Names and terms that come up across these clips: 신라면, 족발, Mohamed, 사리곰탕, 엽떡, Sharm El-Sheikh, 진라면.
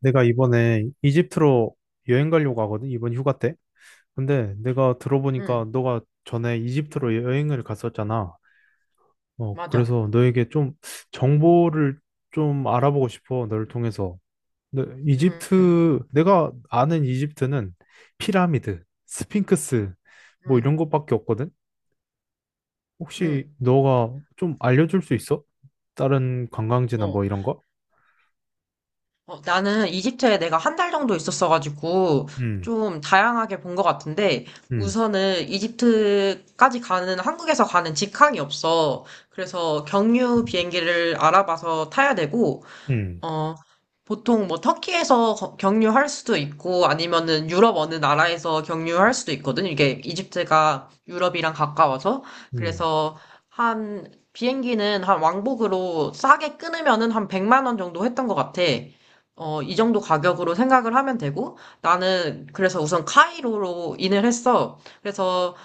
내가 이번에 이집트로 여행 가려고 하거든, 이번 휴가 때. 근데 내가 들어보니까 응, 너가 전에 이집트로 여행을 갔었잖아. 맞아. 그래서 너에게 좀 정보를 좀 알아보고 싶어, 너를 통해서. 근데 응, 이집트, 내가 아는 이집트는 피라미드, 스핑크스, 뭐 응, 이런 것밖에 없거든? 혹시 응. 너가 좀 알려줄 수 있어? 다른 관광지나 어, 뭐 이런 거? 나는 이집트에 내가 한 달 정도 있었어가지고 음, 좀 다양하게 본 것 같은데 음, 우선은 이집트까지 가는 한국에서 가는 직항이 없어. 그래서 경유 비행기를 알아봐서 타야 되고 음, 어, 보통 뭐 터키에서 경유할 수도 있고 아니면은 유럽 어느 나라에서 경유할 수도 있거든. 이게 이집트가 유럽이랑 가까워서. 음. 그래서 한 비행기는 한 왕복으로 싸게 끊으면은 한 100만 원 정도 했던 것 같아. 이 정도 가격으로 생각을 하면 되고 나는 그래서 우선 카이로로 인을 했어. 그래서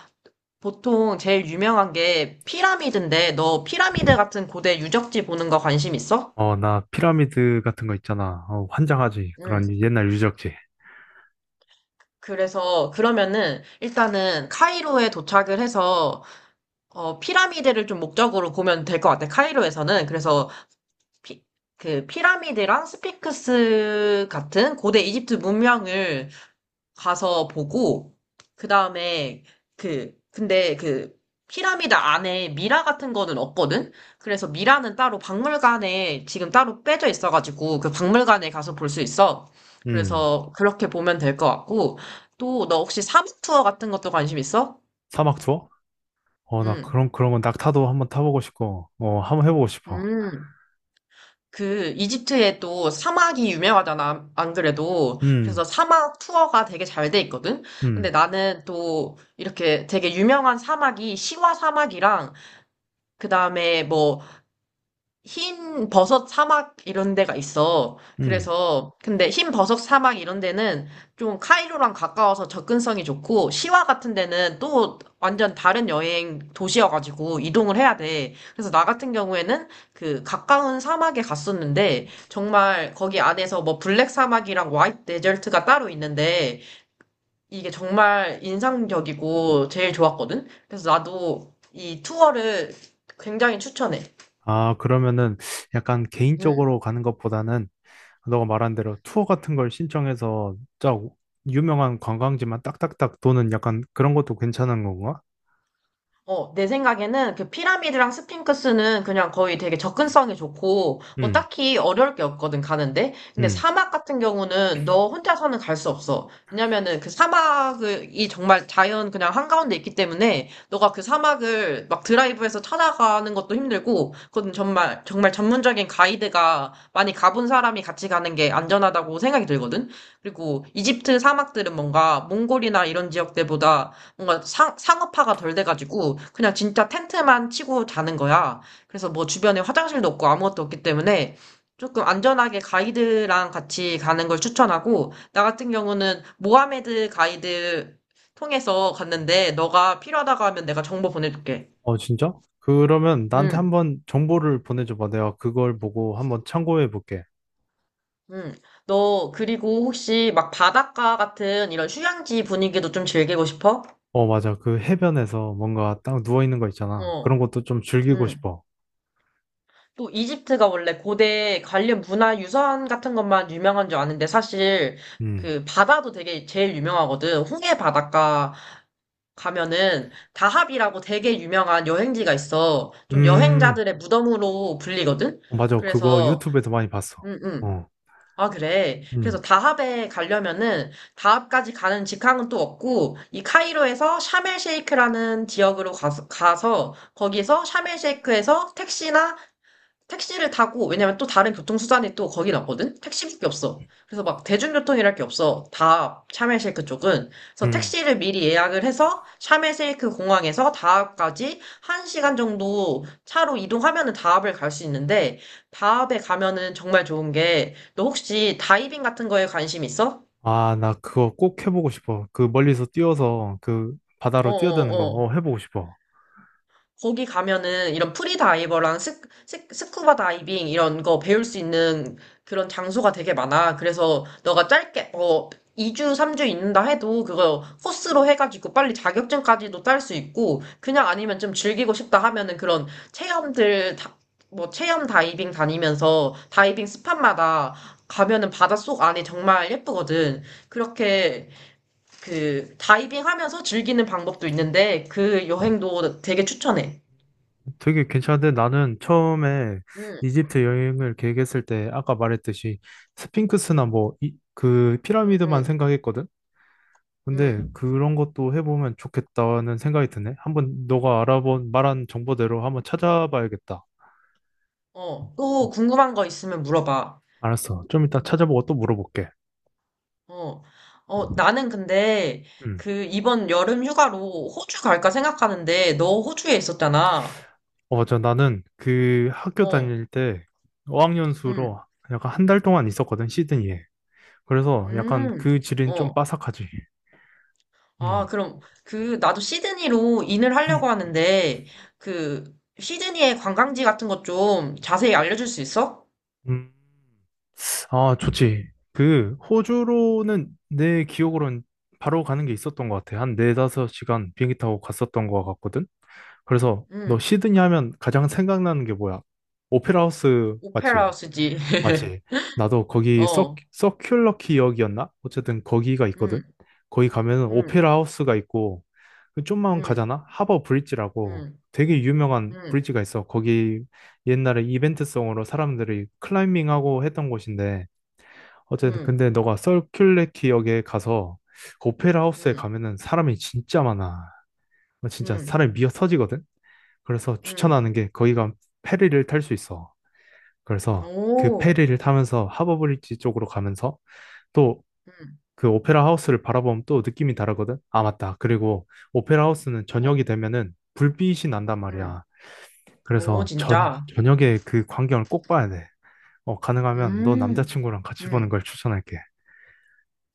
보통 제일 유명한 게 피라미드인데 너 피라미드 같은 고대 유적지 보는 거 관심 있어? 나 피라미드 같은 거 있잖아. 환장하지. 그런 옛날 유적지. 그래서 그러면은 일단은 카이로에 도착을 해서 피라미드를 좀 목적으로 보면 될 것 같아. 카이로에서는 그래서 피, 그 피라미드랑 스핑크스 같은 고대 이집트 문명을 가서 보고 그다음에 근데 그 피라미드 안에 미라 같은 거는 없거든. 그래서 미라는 따로 박물관에 지금 따로 빼져 있어가지고 그 박물관에 가서 볼 수 있어. 음. 그래서 그렇게 보면 될 것 같고 또 너 혹시 사막 투어 같은 것도 관심 있어? 사막 투어? 나 응. 그런 건 낙타도 한번 타보고 싶고, 한번 해보고 싶어. 음. 그 이집트에 또 사막이 유명하잖아, 안 그래도. 그래서 음, 사막 투어가 되게 잘 돼 있거든. 근데 음, 나는 또 이렇게 되게 유명한 사막이 시와 사막이랑 그다음에 뭐 흰 버섯 사막 이런 데가 있어. 음. 그래서, 근데 흰 버섯 사막 이런 데는 좀 카이로랑 가까워서 접근성이 좋고, 시와 같은 데는 또 완전 다른 여행 도시여가지고 이동을 해야 돼. 그래서 나 같은 경우에는 그 가까운 사막에 갔었는데, 정말 거기 안에서 뭐 블랙 사막이랑 화이트 데절트가 따로 있는데, 이게 정말 인상적이고 제일 좋았거든? 그래서 나도 이 투어를 굉장히 추천해. 아, 그러면은 약간 개인적으로 가는 것보다는 너가 말한 대로 투어 같은 걸 신청해서 쫙 유명한 관광지만 딱딱딱 도는 약간 그런 것도 괜찮은 건가? 내 생각에는 그 피라미드랑 스핑크스는 그냥 거의 되게 접근성이 좋고, 뭐 음, 딱히 어려울 게 없거든, 가는데. 근데 음. 사막 같은 경우는 너 혼자서는 갈 수 없어. 왜냐면은 그 사막이 정말 자연 그냥 한가운데 있기 때문에, 너가 그 사막을 막 드라이브해서 찾아가는 것도 힘들고, 그건 정말, 정말 전문적인 가이드가 많이 가본 사람이 같이 가는 게 안전하다고 생각이 들거든? 그리고 이집트 사막들은 뭔가 몽골이나 이런 지역들보다 뭔가 상업화가 덜 돼가지고 그냥 진짜 텐트만 치고 자는 거야. 그래서 뭐 주변에 화장실도 없고 아무것도 없기 때문에 조금 안전하게 가이드랑 같이 가는 걸 추천하고 나 같은 경우는 모하메드 가이드 통해서 갔는데 너가 필요하다고 하면 내가 정보 보내줄게. 어, 진짜? 그러면 나한테 응, 한번 정보를 보내줘봐. 내가 그걸 보고 한번 참고해 볼게. 응. 너 그리고 혹시 막 바닷가 같은 이런 휴양지 분위기도 좀 즐기고 싶어? 어, 맞아. 그 해변에서 뭔가 딱 누워있는 거 있잖아. 그런 어, 것도 좀 즐기고 응. 싶어. 또 이집트가 원래 고대 관련 문화유산 같은 것만 유명한 줄 아는데 사실 음. 그 바다도 되게 제일 유명하거든. 홍해 바닷가 가면은 다합이라고 되게 유명한 여행지가 있어. 좀 음. 여행자들의 무덤으로 불리거든. 어, 맞아. 그거 그래서 유튜브에서 많이 봤어. 음, 음. 어. 아, 그래. 음. 그래서 다합에 가려면은 다합까지 가는 직항은 또 없고 이 카이로에서 샤멜 쉐이크라는 지역으로 가서, 가서 거기서 샤멜 쉐이크에서 택시나 택시를 타고, 왜냐면 또 다른 교통수단이 또 거긴 없거든? 택시밖에 없어. 그래서 막 대중교통이랄 게 없어. 다 샤멜쉐이크 쪽은. 그래서 음. 택시를 미리 예약을 해서 샤멜쉐이크 공항에서 다합까지 1시간 정도 차로 이동하면은 다합을 갈 수 있는데, 다합에 가면은 정말 좋은 게, 너 혹시 다이빙 같은 거에 관심 있어? 아, 나 그거 꼭 해보고 싶어. 그 멀리서 뛰어서 그 바다로 뛰어드는 거 어어어. 해보고 싶어. 거기 가면은 이런 프리다이버랑 스쿠버 다이빙 이런 거 배울 수 있는 그런 장소가 되게 많아. 그래서 너가 짧게 뭐 2주, 3주 있는다 해도 그거 코스로 해가지고 빨리 자격증까지도 딸 수 있고 그냥 아니면 좀 즐기고 싶다 하면은 그런 체험들 다, 뭐 체험 다이빙 다니면서 다이빙 스팟마다 가면은 바닷속 안이 정말 예쁘거든. 그렇게 그 다이빙 하면서 즐기는 방법도 있는데 그 여행도 되게 추천해. 되게 괜찮은데 나는 처음에 응, 이집트 여행을 계획했을 때 아까 말했듯이 스핑크스나 뭐, 그 응, 피라미드만 응, 생각했거든? 응. 근데 그런 것도 해보면 좋겠다는 생각이 드네. 한번 너가 알아본 말한 정보대로 한번 찾아봐야겠다. 또 음, 궁금한 거 있으면 물어봐. 알았어. 좀 이따 찾아보고 또 물어볼게. 어, 나는 근데 음. 그 이번 여름 휴가로 호주 갈까 생각하는데 너 호주에 있었잖아. 나는 그 학교 어, 다닐 때 응, 어학연수로 약간 한 달 동안 있었거든, 시드니에. 그래서 약간 음, 그 질은 좀 어. 빠삭하지. 아, 음. 그럼 나도 시드니로 인을 하려고 하는데 그 시드니의 관광지 같은 것 좀 자세히 알려줄 수 있어? 음. 아, 좋지. 그 호주로는 내 기억으로는 바로 가는 게 있었던 것 같아. 한 네다섯 시간 비행기 타고 갔었던 것 같거든. 그래서 응, 너 시드니 하면 가장 생각나는 게 뭐야? 오페라 하우스 오페라 맞지? 하우스지. 맞지? 나도 거기 서, 어, 서큘러 키역이었나? 어쨌든 거기가 있거든. 응, 거기 가면은 응, 오페라 하우스가 있고 그 좀만 응, 가잖아? 하버 브릿지라고 응, 되게 유명한 응, 브릿지가 있어. 거기 옛날에 이벤트성으로 사람들이 클라이밍하고 했던 곳인데 어쨌든 응, 근데 너가 서큘러 키역에 가서 그 오페라 하우스에 응. 가면은 사람이 진짜 많아. 진짜 음, 사람이 미어 터지거든. 그래서 음, 추천하는 게 거기가 페리를 탈 수 있어. 그래서 그 오, 페리를 타면서 하버브리지 쪽으로 가면서 또 음, 그 오페라 하우스를 바라보면 또 느낌이 다르거든. 아, 맞다. 그리고 오페라 하우스는 어, 저녁이 되면은 불빛이 난단 음, 말이야. 오, 그래서 진짜. 저녁에 그 광경을 꼭 봐야 돼. 가능하면 너 음, 남자친구랑 같이 보는 음, 걸 추천할게.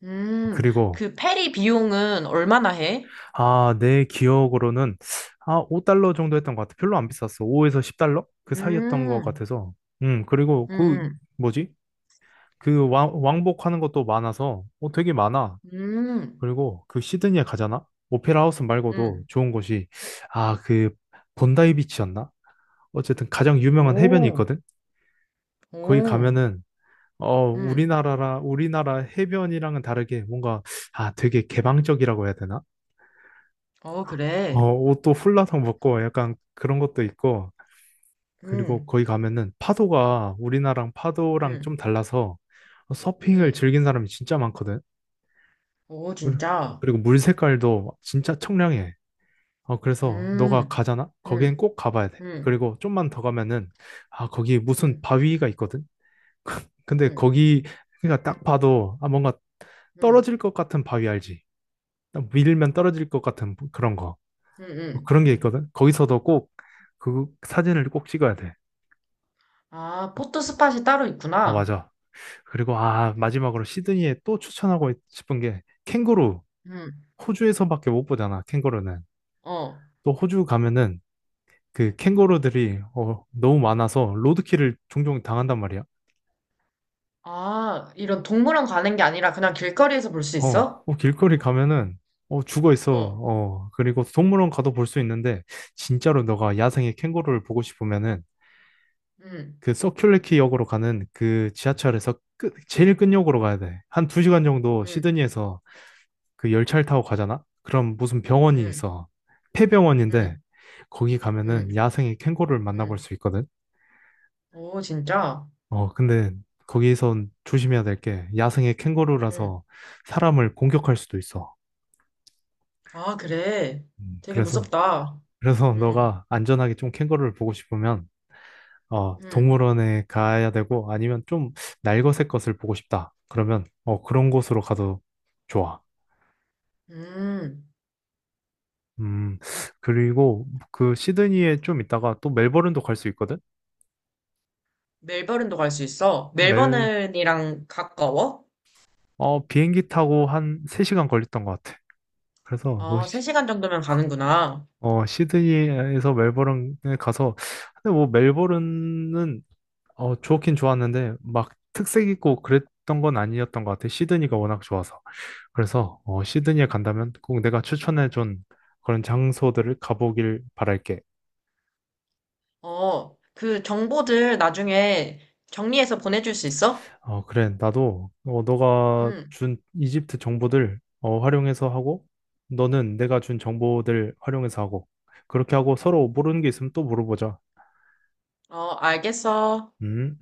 음. 그리고 그 페리 비용은 얼마나 해? 내 기억으로는 5달러 정도 했던 것 같아. 별로 안 비쌌어. 5에서 10달러? 그 사이였던 것 음, 같아서. 그리고 음, 그 음, 뭐지? 그 왕복하는 것도 많아서 되게 많아. 음, 그리고 그 시드니에 가잖아? 오페라 하우스 말고도 음, 좋은 곳이 아, 그 본다이 비치였나? 어쨌든 가장 유명한 해변이 오, 있거든. 거기 오, 가면은 음, 우리나라 해변이랑은 다르게 뭔가 아, 되게 개방적이라고 해야 되나? 어, 그래. 옷도 훌라성 벗고 약간 그런 것도 있고 그리고 음, 거기 가면은 파도가 우리나라랑 파도랑 좀 음, 달라서 서핑을 음, 즐긴 사람이 진짜 많거든. 오, 그리- 진짜. 그리고 물 색깔도 진짜 청량해. 그래서 너가 음, 가잖아? 거기엔 음, 꼭 가봐야 돼. 음, 그리고 좀만 더 가면은, 아, 거기 무슨 음, 바위가 있거든? 근데 음, 그러니까 딱 봐도, 아, 뭔가 음, 떨어질 것 같은 바위 알지? 딱 밀면 떨어질 것 같은 그런 거. 음, 뭐 음. 그런 게 있거든? 거기서도 꼭 그 사진을 꼭 찍어야 돼. 아, 포토 스팟이 따로 어, 있구나. 맞아. 그리고, 아, 마지막으로 시드니에 또 추천하고 싶은 게 캥거루. 음, 호주에서밖에 못 보잖아, 캥거루는. 어. 또 호주 가면은 그 캥거루들이 너무 많아서 로드킬을 종종 당한단 말이야. 아, 이런 동물원 가는 게 아니라 그냥 길거리에서 볼 수 어, 있어? 어, 길거리 가면은 죽어 있어. 어, 그리고 동물원 가도 볼 수 있는데 진짜로 너가 야생의 캥거루를 보고 싶으면은 응, 그 서큘레키 역으로 가는 그 지하철에서 제일 끝역으로 가야 돼. 한 두 시간 정도 응, 시드니에서 그 열차를 타고 가잖아? 그럼 무슨 병원이 응, 있어. 폐병원인데 응, 거기 응, 가면은 야생의 캥거루를 만나볼 응. 수 있거든. 오, 진짜? 근데 거기선 조심해야 될 게 야생의 응. 캥거루라서 사람을 공격할 수도 있어. 아, 그래. 음, 되게 그래서, 무섭다. 그래서 응, 너가 안전하게 좀 캥거루를 보고 싶으면, 응, 동물원에 가야 되고 아니면 좀 날것의 것을 보고 싶다. 그러면, 그런 곳으로 가도 좋아. 응. 음, 그리고 그 시드니에 좀 있다가 또 멜버른도 갈 수 있거든? 멜버른도 갈 수 있어? 멜, 멜버른이랑 가까워? 비행기 타고 한 3시간 걸렸던 것 같아. 그래서 뭐 아, 3시간 정도면 가는구나. 시드니에서 멜버른에 가서, 근데 뭐 멜버른은, 좋긴 좋았는데, 막 특색 있고 그랬던 건 아니었던 것 같아. 시드니가 워낙 좋아서. 그래서, 시드니에 간다면 꼭 내가 추천해준 그런 장소들을 가보길 바랄게. 그 정보들 나중에 정리해서 보내줄 수 있어? 어, 그래. 나도, 너가 응, 준 이집트 정보들, 활용해서 하고, 너는 내가 준 정보들 활용해서 하고, 그렇게 하고 서로 모르는 게 있으면 또 물어보자. 어, 알겠어. 음.